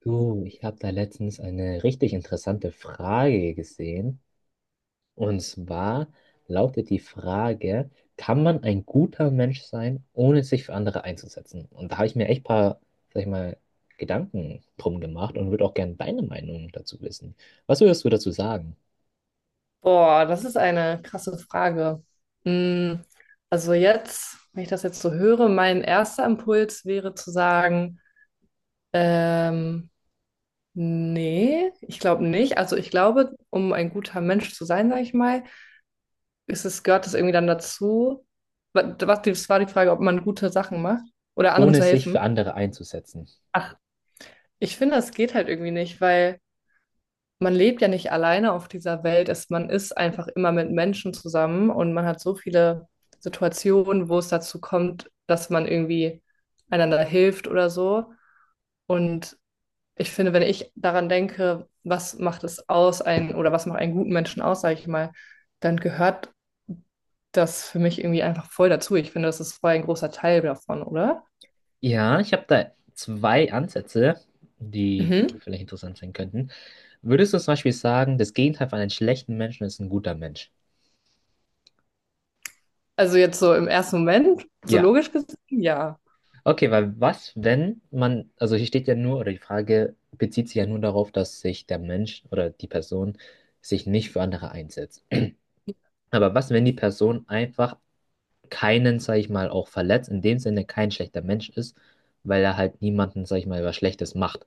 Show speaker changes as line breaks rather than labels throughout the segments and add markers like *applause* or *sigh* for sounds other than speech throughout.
Du, ich habe da letztens eine richtig interessante Frage gesehen. Und zwar lautet die Frage, kann man ein guter Mensch sein, ohne sich für andere einzusetzen? Und da habe ich mir echt ein paar, sag ich mal, Gedanken drum gemacht und würde auch gerne deine Meinung dazu wissen. Was würdest du dazu sagen,
Boah, das ist eine krasse Frage. Mm, also jetzt, wenn ich das jetzt so höre, mein erster Impuls wäre zu sagen, ähm, nee, ich glaube nicht. Also ich glaube, um ein guter Mensch zu sein, sage ich mal, ist es, gehört es irgendwie dann dazu. Was, das war die Frage, ob man gute Sachen macht oder anderen
ohne
zu
sich
helfen.
für andere einzusetzen?
Ach, ich finde, das geht halt irgendwie nicht, weil man lebt ja nicht alleine auf dieser Welt. Es, man ist einfach immer mit Menschen zusammen und man hat so viele Situationen, wo es dazu kommt, dass man irgendwie einander hilft oder so. Und ich finde, wenn ich daran denke, was macht es aus, einen, oder was macht einen guten Menschen aus, sage ich mal, dann gehört das für mich irgendwie einfach voll dazu. Ich finde, das ist voll ein großer Teil davon, oder?
Ja, ich habe da zwei Ansätze, die
Mhm.
vielleicht interessant sein könnten. Würdest du zum Beispiel sagen, das Gegenteil von einem schlechten Menschen ist ein guter Mensch?
Also jetzt so im ersten Moment, so
Ja.
logisch gesehen, ja.
Okay, weil was, wenn man, also hier steht ja nur, oder die Frage bezieht sich ja nur darauf, dass sich der Mensch oder die Person sich nicht für andere einsetzt. Aber was, wenn die Person einfach keinen, sag ich mal, auch verletzt, in dem Sinne kein schlechter Mensch ist, weil er halt niemanden, sag ich mal, was Schlechtes macht?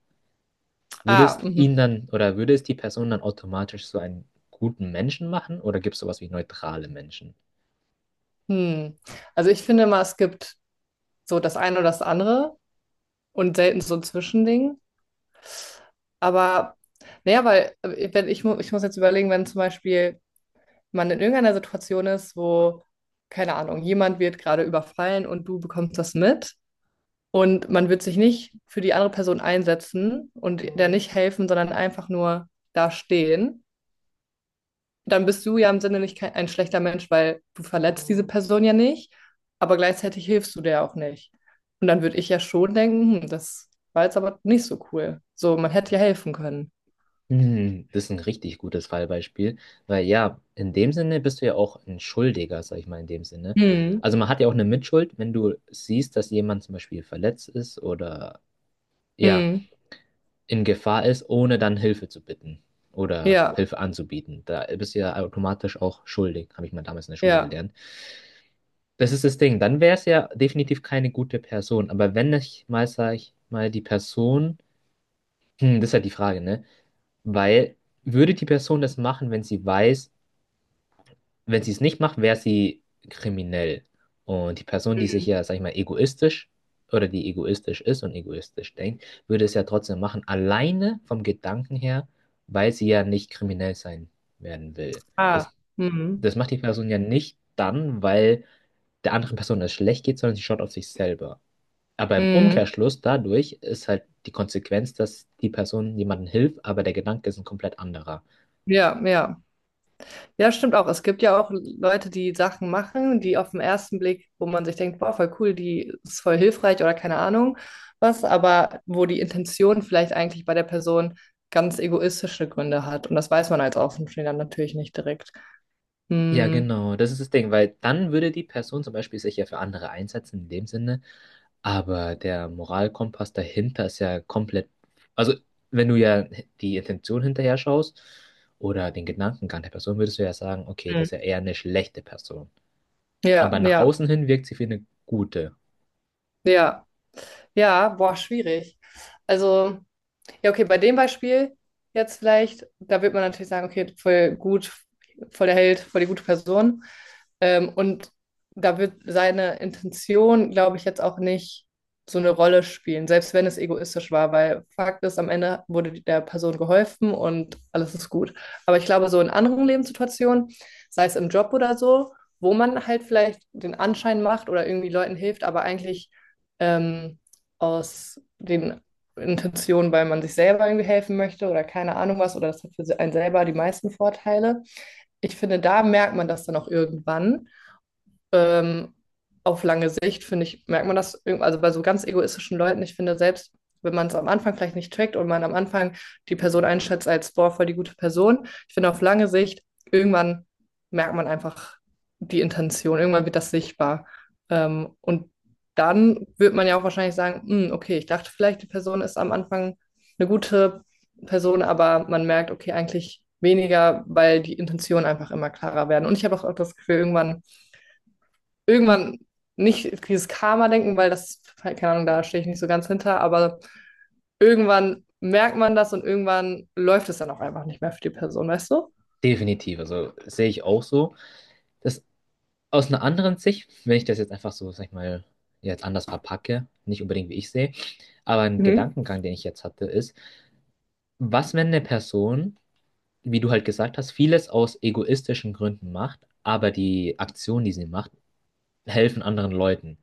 Würde es
Ah, mhm.
ihn dann, oder würde es die Person dann automatisch so einen guten Menschen machen, oder gibt es sowas wie neutrale Menschen?
Hm. Also ich finde mal, es gibt so das eine oder das andere und selten so ein Zwischending. Aber naja, weil wenn ich, ich muss jetzt überlegen, wenn zum Beispiel man in irgendeiner Situation ist, wo, keine Ahnung, jemand wird gerade überfallen und du bekommst das mit und man wird sich nicht für die andere Person einsetzen und der nicht helfen, sondern einfach nur da stehen. Dann bist du ja im Sinne nicht kein, ein schlechter Mensch, weil du verletzt diese Person ja nicht, aber gleichzeitig hilfst du der auch nicht. Und dann würde ich ja schon denken, hm, das war jetzt aber nicht so cool. So, man hätte ja helfen können.
Hm, das ist ein richtig gutes Fallbeispiel, weil ja, in dem Sinne bist du ja auch ein Schuldiger, sag ich mal, in dem Sinne.
Hm,
Also man hat ja auch eine Mitschuld, wenn du siehst, dass jemand zum Beispiel verletzt ist oder ja,
hm,
in Gefahr ist, ohne dann Hilfe zu bitten oder
ja,
Hilfe anzubieten. Da bist du ja automatisch auch schuldig, habe ich mal damals in der Schule
ja.
gelernt. Das ist das Ding, dann wäre es ja definitiv keine gute Person, aber wenn ich mal, sag ich mal, die Person, hm, das ist halt die Frage, ne? Weil würde die Person das machen, wenn sie weiß, wenn sie es nicht macht, wäre sie kriminell. Und die Person, die sich ja, sag ich mal, egoistisch oder die egoistisch ist und egoistisch denkt, würde es ja trotzdem machen, alleine vom Gedanken her, weil sie ja nicht kriminell sein werden will.
Ah,
Das,
hm,
das macht die Person ja nicht dann, weil der anderen Person es schlecht geht, sondern sie schaut auf sich selber. Aber im
hm,
Umkehrschluss dadurch ist halt die Konsequenz, dass die Person jemandem hilft, aber der Gedanke ist ein komplett anderer.
ja, ja. Ja, stimmt auch. Es gibt ja auch Leute, die Sachen machen, die auf den ersten Blick, wo man sich denkt, boah, voll cool, die ist voll hilfreich oder keine Ahnung was, aber wo die Intention vielleicht eigentlich bei der Person ganz egoistische Gründe hat. Und das weiß man als Außenstehender natürlich nicht direkt.
Ja,
Hm.
genau, das ist das Ding, weil dann würde die Person zum Beispiel sich ja für andere einsetzen in dem Sinne, aber der Moralkompass dahinter ist ja komplett, also wenn du ja die Intention hinterher schaust oder den Gedankengang der Person, würdest du ja sagen, okay,
Mhm.
das ist ja eher eine schlechte Person.
Ja,
Aber nach
ja,
außen hin wirkt sie wie eine gute.
ja. Ja, boah, schwierig. Also. Ja, okay, bei dem Beispiel jetzt vielleicht, da wird man natürlich sagen, okay, voll gut, voll der Held, voll die gute Person. Und da wird seine Intention, glaube ich, jetzt auch nicht so eine Rolle spielen, selbst wenn es egoistisch war, weil Fakt ist, am Ende wurde der Person geholfen und alles ist gut. Aber ich glaube, so in anderen Lebenssituationen, sei es im Job oder so, wo man halt vielleicht den Anschein macht oder irgendwie Leuten hilft, aber eigentlich ähm, aus den Intention, weil man sich selber irgendwie helfen möchte oder keine Ahnung was, oder das hat für einen selber die meisten Vorteile. Ich finde, da merkt man das dann auch irgendwann ähm, auf lange Sicht, finde ich, merkt man das, also bei so ganz egoistischen Leuten, ich finde selbst, wenn man es am Anfang vielleicht nicht trackt und man am Anfang die Person einschätzt als, boah, voll die gute Person, ich finde auf lange Sicht, irgendwann merkt man einfach die Intention, irgendwann wird das sichtbar. Und dann wird man ja auch wahrscheinlich sagen, "Hm, okay, ich dachte vielleicht, die Person ist am Anfang eine gute Person, aber man merkt, okay, eigentlich weniger, weil die Intentionen einfach immer klarer werden. Und ich habe auch das Gefühl, irgendwann nicht dieses Karma-Denken, weil das, keine Ahnung, da stehe ich nicht so ganz hinter, aber irgendwann merkt man das und irgendwann läuft es dann auch einfach nicht mehr für die Person, weißt du?
Definitiv, also sehe ich auch so. Das aus einer anderen Sicht, wenn ich das jetzt einfach so, sag ich mal, jetzt anders verpacke, nicht unbedingt wie ich sehe, aber ein
Mhm.
Gedankengang, den ich jetzt hatte, ist, was, wenn eine Person, wie du halt gesagt hast, vieles aus egoistischen Gründen macht, aber die Aktionen, die sie macht, helfen anderen Leuten?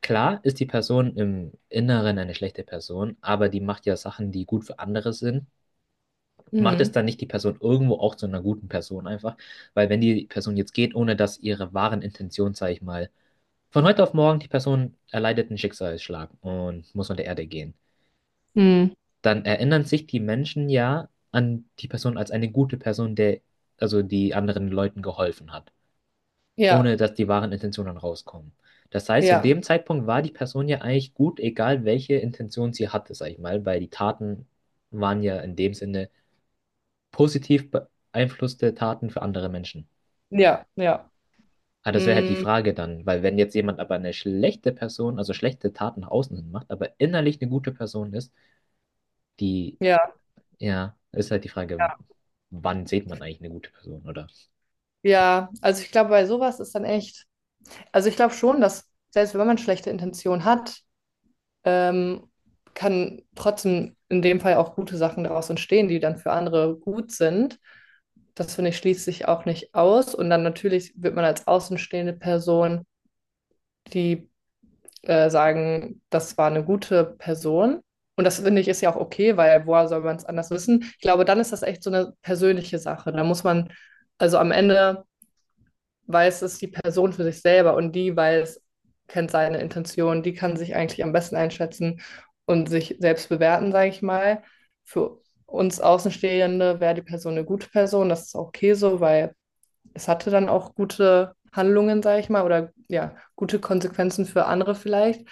Klar ist die Person im Inneren eine schlechte Person, aber die macht ja Sachen, die gut für andere sind. Macht es
Mhm.
dann nicht die Person irgendwo auch zu einer guten Person einfach? Weil wenn die Person jetzt geht, ohne dass ihre wahren Intentionen, sag ich mal, von heute auf morgen die Person erleidet einen Schicksalsschlag und muss von der Erde gehen.
Mhm.
Dann erinnern sich die Menschen ja an die Person als eine gute Person, der also die anderen Leuten geholfen hat, ohne
Ja,
dass die wahren Intentionen rauskommen. Das heißt, in
ja,
dem Zeitpunkt war die Person ja eigentlich gut, egal welche Intention sie hatte, sag ich mal, weil die Taten waren ja in dem Sinne positiv beeinflusste Taten für andere Menschen.
ja, ja.
Ah, das wäre halt die
Mhm.
Frage dann, weil wenn jetzt jemand aber eine schlechte Person, also schlechte Taten nach außen hin macht, aber innerlich eine gute Person ist, die.
Ja,
Ja, ist halt die Frage,
ja,
wann sieht man eigentlich eine gute Person, oder?
ja. Also ich glaube, bei sowas ist dann echt, also ich glaube schon, dass selbst wenn man schlechte Intention hat, ähm, kann trotzdem in dem Fall auch gute Sachen daraus entstehen, die dann für andere gut sind. Das finde ich schließt sich auch nicht aus. Und dann natürlich wird man als außenstehende Person, die sagen, das war eine gute Person. Und das finde ich ist ja auch okay, weil woher soll man es anders wissen? Ich glaube, dann ist das echt so eine persönliche Sache. Da muss man, also am Ende weiß es die Person für sich selber und die weiß, kennt seine Intention, die kann sich eigentlich am besten einschätzen und sich selbst bewerten, sage ich mal. Für uns Außenstehende wäre die Person eine gute Person, das ist okay so, weil es hatte dann auch gute Handlungen, sage ich mal, oder ja, gute Konsequenzen für andere vielleicht.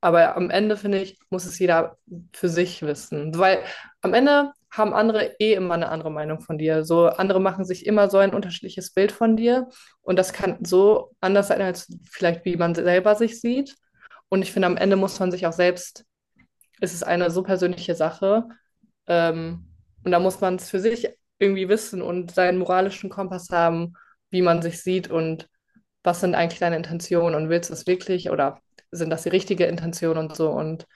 Aber am Ende, finde ich, muss es jeder für sich wissen. Weil am Ende haben andere eh immer eine andere Meinung von dir. So andere machen sich immer so ein unterschiedliches Bild von dir. Und das kann so anders sein, als vielleicht wie man selber sich sieht. Und ich finde, am Ende muss man sich auch selbst ist es eine so persönliche Sache. Ähm, und da muss man es für sich irgendwie wissen und seinen moralischen Kompass haben, wie man sich sieht und was sind eigentlich deine Intentionen und willst du es wirklich oder sind das die richtige Intention und so. Und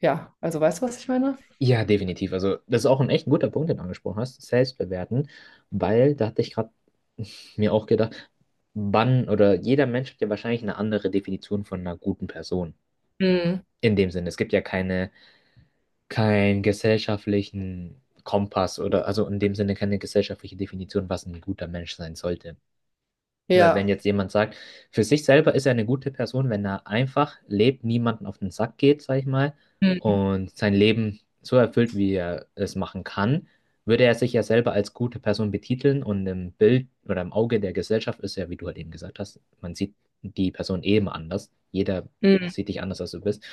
ja, also weißt du, was ich meine?
Ja, definitiv. Also, das ist auch ein echt guter Punkt, den du angesprochen hast, selbstbewerten, weil da hatte ich gerade *laughs* mir auch gedacht, wann oder jeder Mensch hat ja wahrscheinlich eine andere Definition von einer guten Person.
Mm,
In dem Sinne, es gibt ja keine, keinen gesellschaftlichen Kompass oder also in dem Sinne keine gesellschaftliche Definition, was ein guter Mensch sein sollte. Weil wenn
ja.
jetzt jemand sagt, für sich selber ist er eine gute Person, wenn er einfach lebt, niemanden auf den Sack geht, sag ich mal,
Mm,
und sein Leben so erfüllt, wie er es machen kann, würde er sich ja selber als gute Person betiteln und im Bild oder im Auge der Gesellschaft ist ja, wie du halt eben gesagt hast, man sieht die Person eben anders. Jeder
mm,
sieht dich anders, als du bist.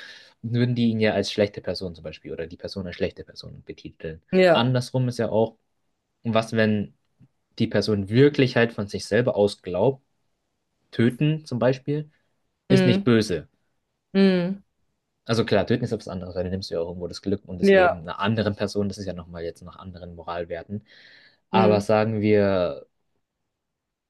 Würden die ihn ja als schlechte Person zum Beispiel oder die Person als schlechte Person betiteln.
ja.
Andersrum ist ja auch, was, wenn die Person wirklich halt von sich selber aus glaubt, Töten zum Beispiel ist nicht
Mm,
böse.
mm,
Also klar, töten ist etwas anderes, weil dann nimmst du ja auch irgendwo das Glück und das
ja.
Leben einer anderen Person. Das ist ja nochmal jetzt nach anderen Moralwerten. Aber
Mm.
sagen wir,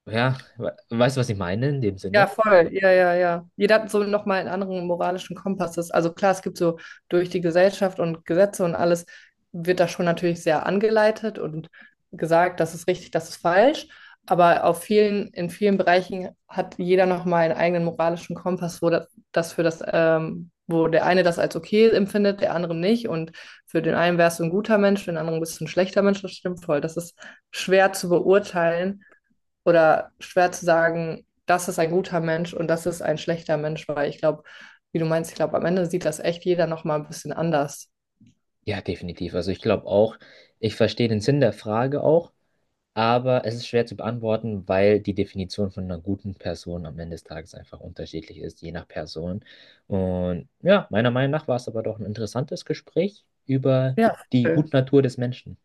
ja, we weißt du, was ich meine in dem
Ja,
Sinne?
voll. Ja, ja, ja. Jeder hat so nochmal einen anderen moralischen Kompass. Das- Also klar, es gibt so durch die Gesellschaft und Gesetze und alles wird da schon natürlich sehr angeleitet und gesagt, das ist richtig, das ist falsch. Aber auf vielen, in vielen Bereichen hat jeder nochmal einen eigenen moralischen Kompass, wo das, das für das, wo der eine das als okay empfindet, der andere nicht. Und für den einen wärst du ein guter Mensch, für den anderen bist du ein schlechter Mensch. Das stimmt voll. Das ist schwer zu beurteilen oder schwer zu sagen, das ist ein guter Mensch und das ist ein schlechter Mensch, weil ich glaube, wie du meinst, ich glaube, am Ende sieht das echt jeder nochmal ein bisschen anders.
Ja, definitiv. Also ich glaube auch, ich verstehe den Sinn der Frage auch, aber es ist schwer zu beantworten, weil die Definition von einer guten Person am Ende des Tages einfach unterschiedlich ist, je nach Person. Und ja, meiner Meinung nach war es aber doch ein interessantes Gespräch über
Ja.
die
Äh,
Gutnatur des Menschen.